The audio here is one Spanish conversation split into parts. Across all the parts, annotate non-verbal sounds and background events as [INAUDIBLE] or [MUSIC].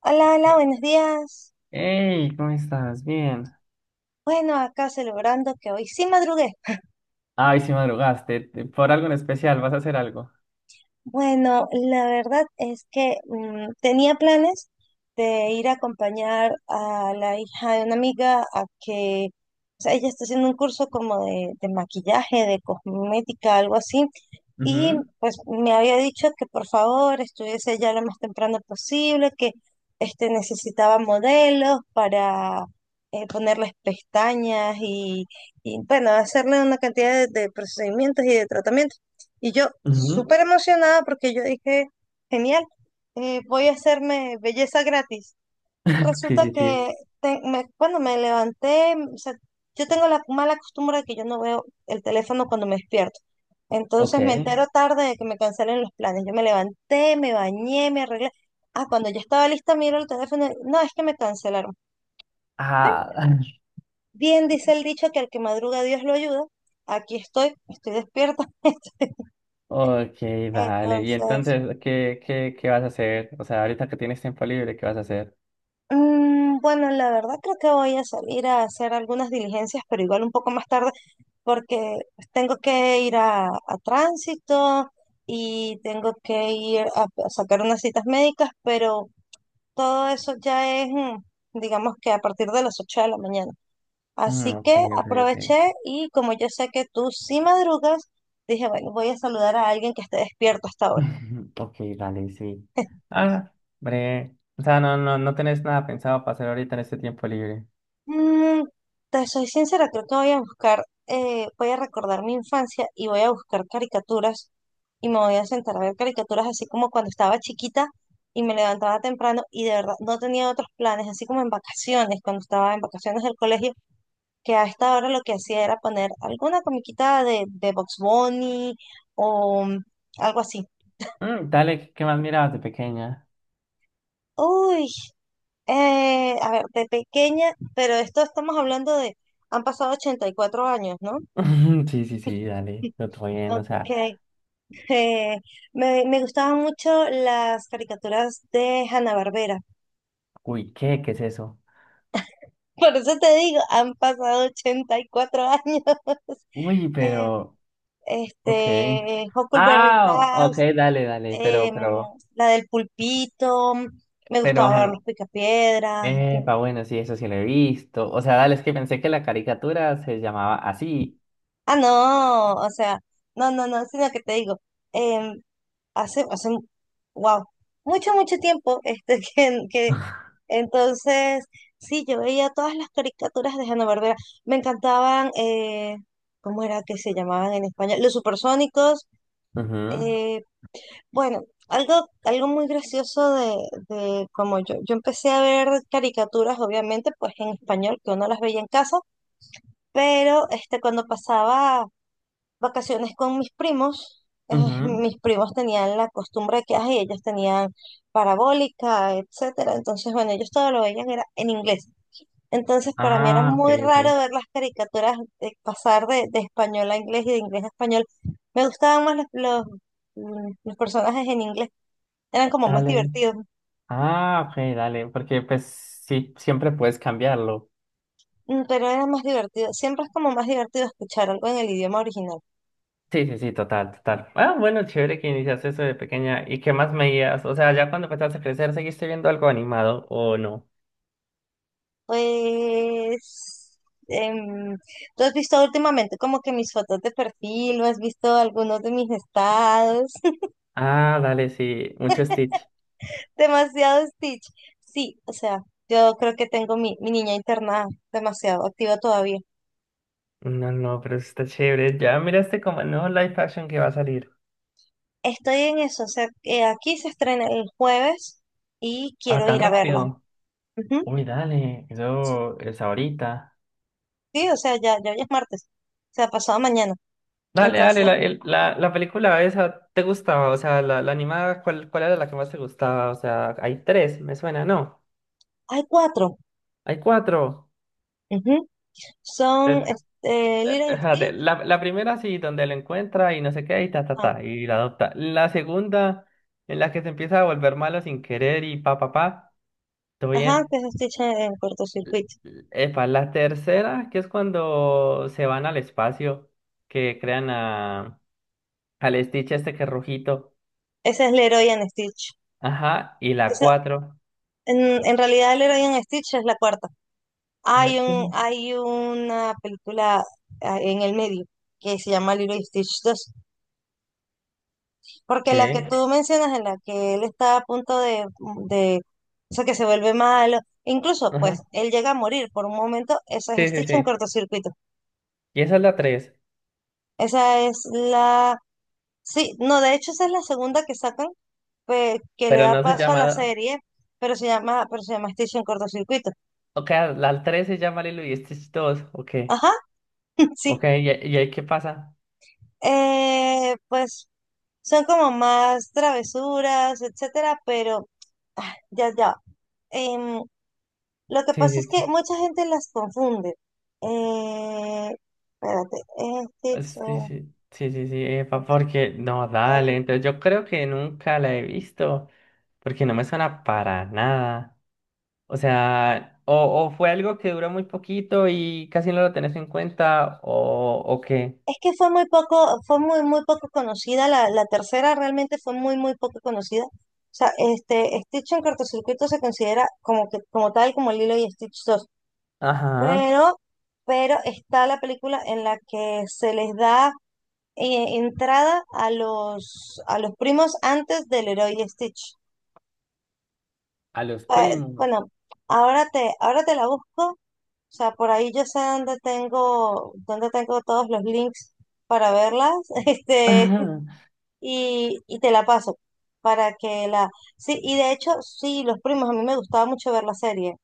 Hola, hola, buenos días. Hey, ¿cómo estás? Bien. Bueno, acá celebrando que hoy sí madrugué. Ay, si madrugaste. ¿Por algo en especial? ¿Vas a hacer algo? Bueno, la verdad es que tenía planes de ir a acompañar a la hija de una amiga a que, o sea, ella está haciendo un curso como de maquillaje, de cosmética, algo así, y Ujú, pues me había dicho que por favor estuviese ya lo más temprano posible, que necesitaba modelos para ponerles pestañas y, bueno, hacerle una cantidad de procedimientos y de tratamientos. Y yo ujú. súper emocionada porque yo dije, genial, voy a hacerme belleza gratis. [LAUGHS] Sí, Resulta sí, sí. que cuando me levanté, o sea, yo tengo la mala costumbre de que yo no veo el teléfono cuando me despierto. Ok. Entonces me entero tarde de que me cancelen los planes. Yo me levanté, me bañé, me arreglé. Ah, cuando ya estaba lista, miro el teléfono. Y no, es que me cancelaron. Bueno, Ah, [LAUGHS] bien dice el dicho que al que madruga Dios lo ayuda. Aquí estoy. Estoy despierta. [LAUGHS] ok, dale. Y Entonces, entonces, ¿qué vas a hacer? O sea, ahorita que tienes tiempo libre, ¿qué vas a hacer? Bueno, la verdad creo que voy a salir a hacer algunas diligencias, pero igual un poco más tarde, porque tengo que ir a tránsito y tengo que ir a sacar unas citas médicas, pero todo eso ya es, digamos que a partir de las 8 de la mañana. Mm, Así ok, que ok, ok. aproveché y como yo sé que tú sí madrugas, dije, bueno, voy a saludar a alguien que esté despierto hasta ahora. [LAUGHS] Ok, dale, sí. Ah, hombre. O sea, no, no, no tenés nada pensado para hacer ahorita en este tiempo libre. Mm, Te soy sincera, creo que voy a buscar, voy a recordar mi infancia y voy a buscar caricaturas y me voy a sentar a ver caricaturas así como cuando estaba chiquita y me levantaba temprano y de verdad no tenía otros planes, así como en vacaciones, cuando estaba en vacaciones del colegio, que a esta hora lo que hacía era poner alguna comiquita de Bugs Bunny o algo así. Mm, dale, ¿qué más mirabas de pequeña? Uy, a ver, de pequeña, pero esto estamos hablando han pasado 84 años, ¿no? [LAUGHS] Sí, sí, sí, dale, lo estoy bien, o sea, Okay. eh, me gustaban mucho las caricaturas de Hanna-Barbera. uy, ¿qué? ¿Qué es eso? [LAUGHS] Por eso te digo, han pasado 84 años. [LAUGHS] Uy, Eh, pero, ok. Huckleberry Ah, ok, House, dale, dale, pero, em, pero, la del Pulpito, me pero, gustaba ver ajá, los Picapiedras. epa, bueno, sí, eso sí lo he visto. O sea, dale, es que pensé que la caricatura se llamaba así. Ah, no, o sea, no, no, no, sino que te digo, em, hace, wow, mucho, mucho tiempo, [LAUGHS] que [LAUGHS] entonces, sí, yo veía todas las caricaturas de Hanna-Barbera, me encantaban. ¿Cómo era que se llamaban en español? Los supersónicos. Ujú, eh, bueno, algo muy gracioso de como yo empecé a ver caricaturas, obviamente, pues en español, que uno las veía en casa, pero cuando pasaba vacaciones con mis primos. eh, ujú. Mis primos tenían la costumbre que ay, ellos tenían parabólica, etcétera. Entonces, bueno, ellos todo lo veían era en inglés. Entonces, para mí era Ah, ok, muy ok. raro ver las caricaturas de pasar de español a inglés y de inglés a español. Me gustaban más los personajes en inglés, eran como más Dale. divertidos. Ah, ok, dale, porque pues sí, siempre puedes cambiarlo. Pero era más divertido. Siempre es como más divertido escuchar algo en el idioma original. Sí, sí, sí, total, total. Ah, bueno, chévere que iniciaste eso de pequeña. ¿Y qué más veías? O sea, ya cuando empezaste a crecer, ¿seguiste viendo algo animado o no? Pues, em, ¿tú has visto últimamente como que mis fotos de perfil o has visto algunos de mis estados? [LAUGHS] Ah, dale, sí, mucho Stitch. Demasiado Stitch. Sí, o sea, yo creo que tengo mi niña internada demasiado activa todavía. No, no, pero eso está chévere. Ya miraste como el nuevo live action que va a salir. Estoy en eso, o sea, aquí se estrena el jueves y Ah, quiero tan ir a verla. rápido. Ujú. Uy, dale, Sí, eso es ahorita. sí, o sea, ya hoy es martes, o sea, pasado mañana. Dale, dale, Entonces, la película esa, ¿te gustaba? O sea, la animada, ¿cuál era la que más te gustaba? O sea, hay tres, me suena, ¿no? hay cuatro. Hay cuatro. Ujú. Es- Son Lilo y espérate, Stitch. la, la primera sí, donde lo encuentra y no sé qué, y ta, ta, ta, y la adopta. La segunda, en la que se empieza a volver malo sin querer y pa, pa, pa, todo Ajá, que bien. es Stitch en cortocircuito. Epa, la tercera, que es cuando se van al espacio, que crean a, al Stitch este que es rojito. Esa es Leroy and Stitch. Ajá, y la Esa, cuatro. en realidad, Leroy and Stitch es la cuarta. Ah, Hay ¿qué? un, hay una película en el medio que se llama Leroy Stitch 2. Porque la que ¿Qué? tú mencionas, en la que él está a punto de, o sea, que se vuelve malo. Incluso, pues, Ajá. él llega a morir por un momento. Esa es Sí, sí, Stitch en sí. cortocircuito. Y esa es la tres, Esa es la... Sí, no, de hecho esa es la segunda que sacan, pues, que le pero da no se paso a la llama... serie, pero se llama Station Cortocircuito. Ok, la tres se llama Lilo y Stitch 2, ok. Ajá, [LAUGHS] sí. Ok, y ahí qué pasa? Pues son como más travesuras, etcétera, pero ya, ya. Em, lo que Sí, pasa es sí, sí. que mucha gente las confunde. Eh, Espérate, Ah, Stitch, sí, sí, sí, sí, sí, epa, porque no, eh, dale. Entonces yo creo que nunca la he visto, porque no me suena para nada. O sea, o fue algo que duró muy poquito y casi no lo tenés en cuenta, o qué. es que fue muy poco, fue muy, muy poco conocida, la tercera realmente fue muy, muy poco conocida. O sea, Stitch en cortocircuito se considera como que, como tal, como Lilo y Stitch 2. Ajá. Pero, pero, está la película en la que se les da entrada a los primos antes del héroe y Stitch. A los primos. Bueno, ahora te la busco. O sea, por ahí yo sé dónde tengo todos los links para verlas. [LAUGHS] Este, [LAUGHS] y te la paso para que la... Sí, y de hecho, sí, Los Primos, a mí me gustaba mucho ver la serie.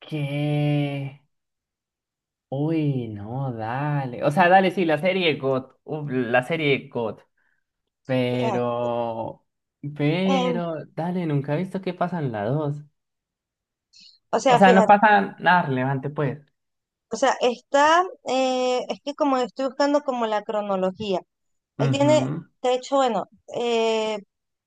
¿Qué? Uy, no, dale. O sea, dale, sí, la serie God. Uf, la serie God. Fíjate. Pero, em, pero, dale, nunca he visto que pasan las dos. o O sea, sea, no fíjate, pasa nada relevante, pues. o sea, es que como estoy buscando como la cronología, él tiene, Ujú. de hecho, bueno, eh,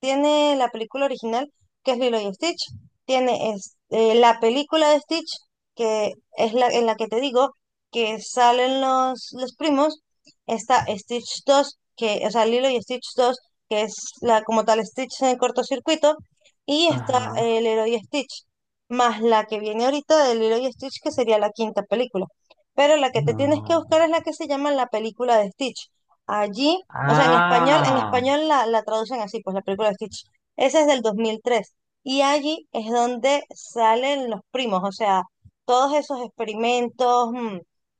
tiene la película original, que es Lilo y Stitch. Tiene la película de Stitch, que es la en la que te digo que salen los primos. Está Stitch 2 que, o sea, Lilo y Stitch 2 que es la como tal Stitch en el cortocircuito. Y está Ajá. el Lilo y Stitch, más la que viene ahorita de Lilo y Stitch, que sería la quinta película. Pero la que te tienes que buscar No. es la que se llama la película de Stitch. Allí, o sea, en español, en Ah. español la traducen así, pues la película de Stitch. Esa es del 2003. Y allí es donde salen los primos, o sea, todos esos experimentos,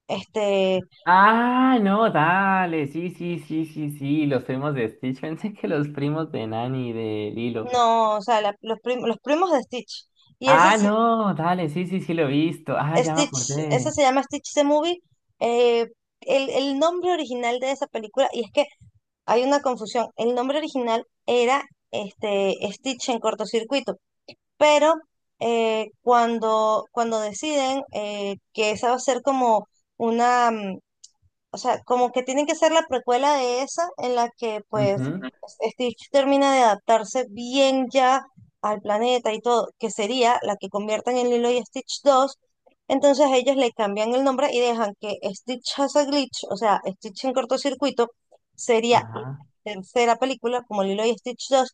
este, Ah, no, dale. Sí, sí, sí, sí, sí. Los primos de Stitch. [LAUGHS] Pensé que los primos de Nani y de Lilo. no, o sea, los primos de Stitch. Y ese Ah, es no, dale. Sí, sí, sí, lo he visto. Ah, ya me Stitch. Ese acordé. se llama Stitch the Movie. eh, el nombre original de esa película, y es que hay una confusión, el nombre original era Stitch en cortocircuito. Pero cuando deciden que esa va a ser como una, mm, o sea, como que tienen que ser la precuela de esa en la que pues. Ujú. Ujú, Stitch termina de adaptarse bien ya al planeta y todo, que sería la que conviertan en Lilo y Stitch 2. Entonces ellos le cambian el nombre y dejan que Stitch has a glitch, o sea, Stitch en cortocircuito, sería la ajá. tercera película como Lilo y Stitch 2.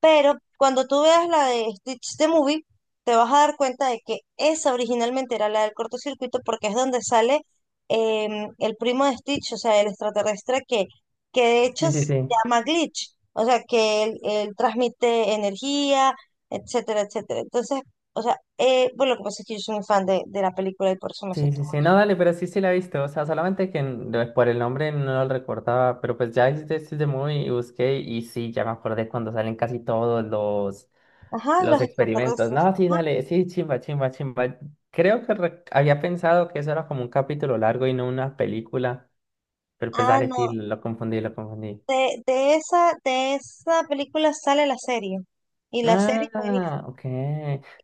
Pero cuando tú veas la de Stitch the Movie, te vas a dar cuenta de que esa originalmente era la del cortocircuito porque es donde sale el primo de Stitch, o sea, el extraterrestre que de hecho Sí, sí, se sí. llama Glitch, o sea, que él transmite energía, etcétera, etcétera. Entonces, o sea, bueno, lo que pasa es que yo soy muy fan de la película y por eso me sé Sí, sí, todo sí, eso. no, dale, pero sí, sí la he visto, o sea, solamente que por el nombre no lo recordaba, pero pues ya hiciste de Movie y busqué y sí, ya me acordé cuando salen casi todos Ajá, los los experimentos. extraterrestres. No, sí, Ajá. dale, sí, chimba, chimba, chimba. Creo que había pensado que eso era como un capítulo largo y no una película, pero pues Ah, dale, sí, no. lo confundí, lo confundí. De esa película sale la serie. Y la serie es buenísima. Ah, ok.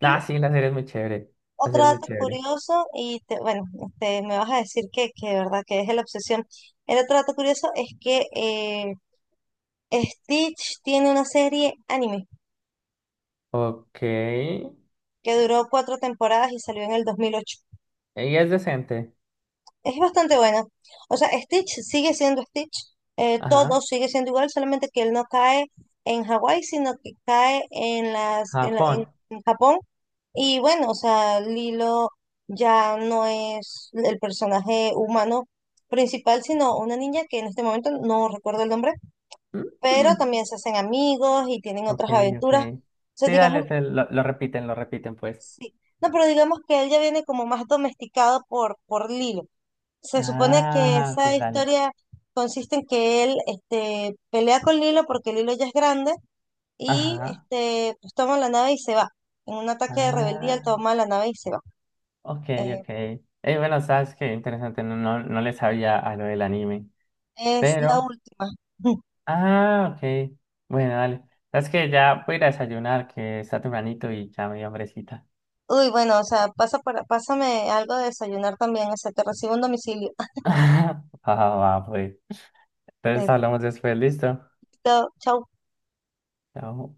Y No, sí, la serie es muy chévere, la otro serie es muy dato chévere. curioso, bueno, me vas a decir que de verdad que es la obsesión. El otro dato curioso es que Stitch tiene una serie anime Ok, que duró cuatro temporadas y salió en el 2008. y es decente. Es bastante buena. O sea, Stitch sigue siendo Stitch, todo Ajá, sigue siendo igual, solamente que él no cae en Hawái, sino que cae en las, en la- Japón. en Japón. Y bueno, o sea, Lilo ya no es el personaje humano principal, sino una niña que en este momento no recuerdo el nombre, Mm. pero mm. también se hacen amigos y tienen Ok, otras ok. aventuras. O sea, Sí, dale, digamos, lo repiten, pues. sí. No, pero digamos que él ya viene como más domesticado por Lilo. Se supone que Ah, esa ok, dale. historia consiste en que él pelea con Lilo porque Lilo ya es grande y Ajá. Pues toma la nave y se va. En un ataque de rebeldía, él Ah, toma la nave y se va. ok, Eh, ok. Bueno, sabes que interesante, no, no, no le sabía a lo del anime. Es la Pero, última. [LAUGHS] ah, ok. Bueno, dale. Sabes que ya voy a ir a desayunar, que está tempranito y ya me dio hambrecita. Uy, bueno, o sea, pásame algo de desayunar también, o sea, te recibo un domicilio. [LAUGHS] Ah, va, pues. Entonces [LAUGHS] hablamos después, listo. Listo, chau. Chao.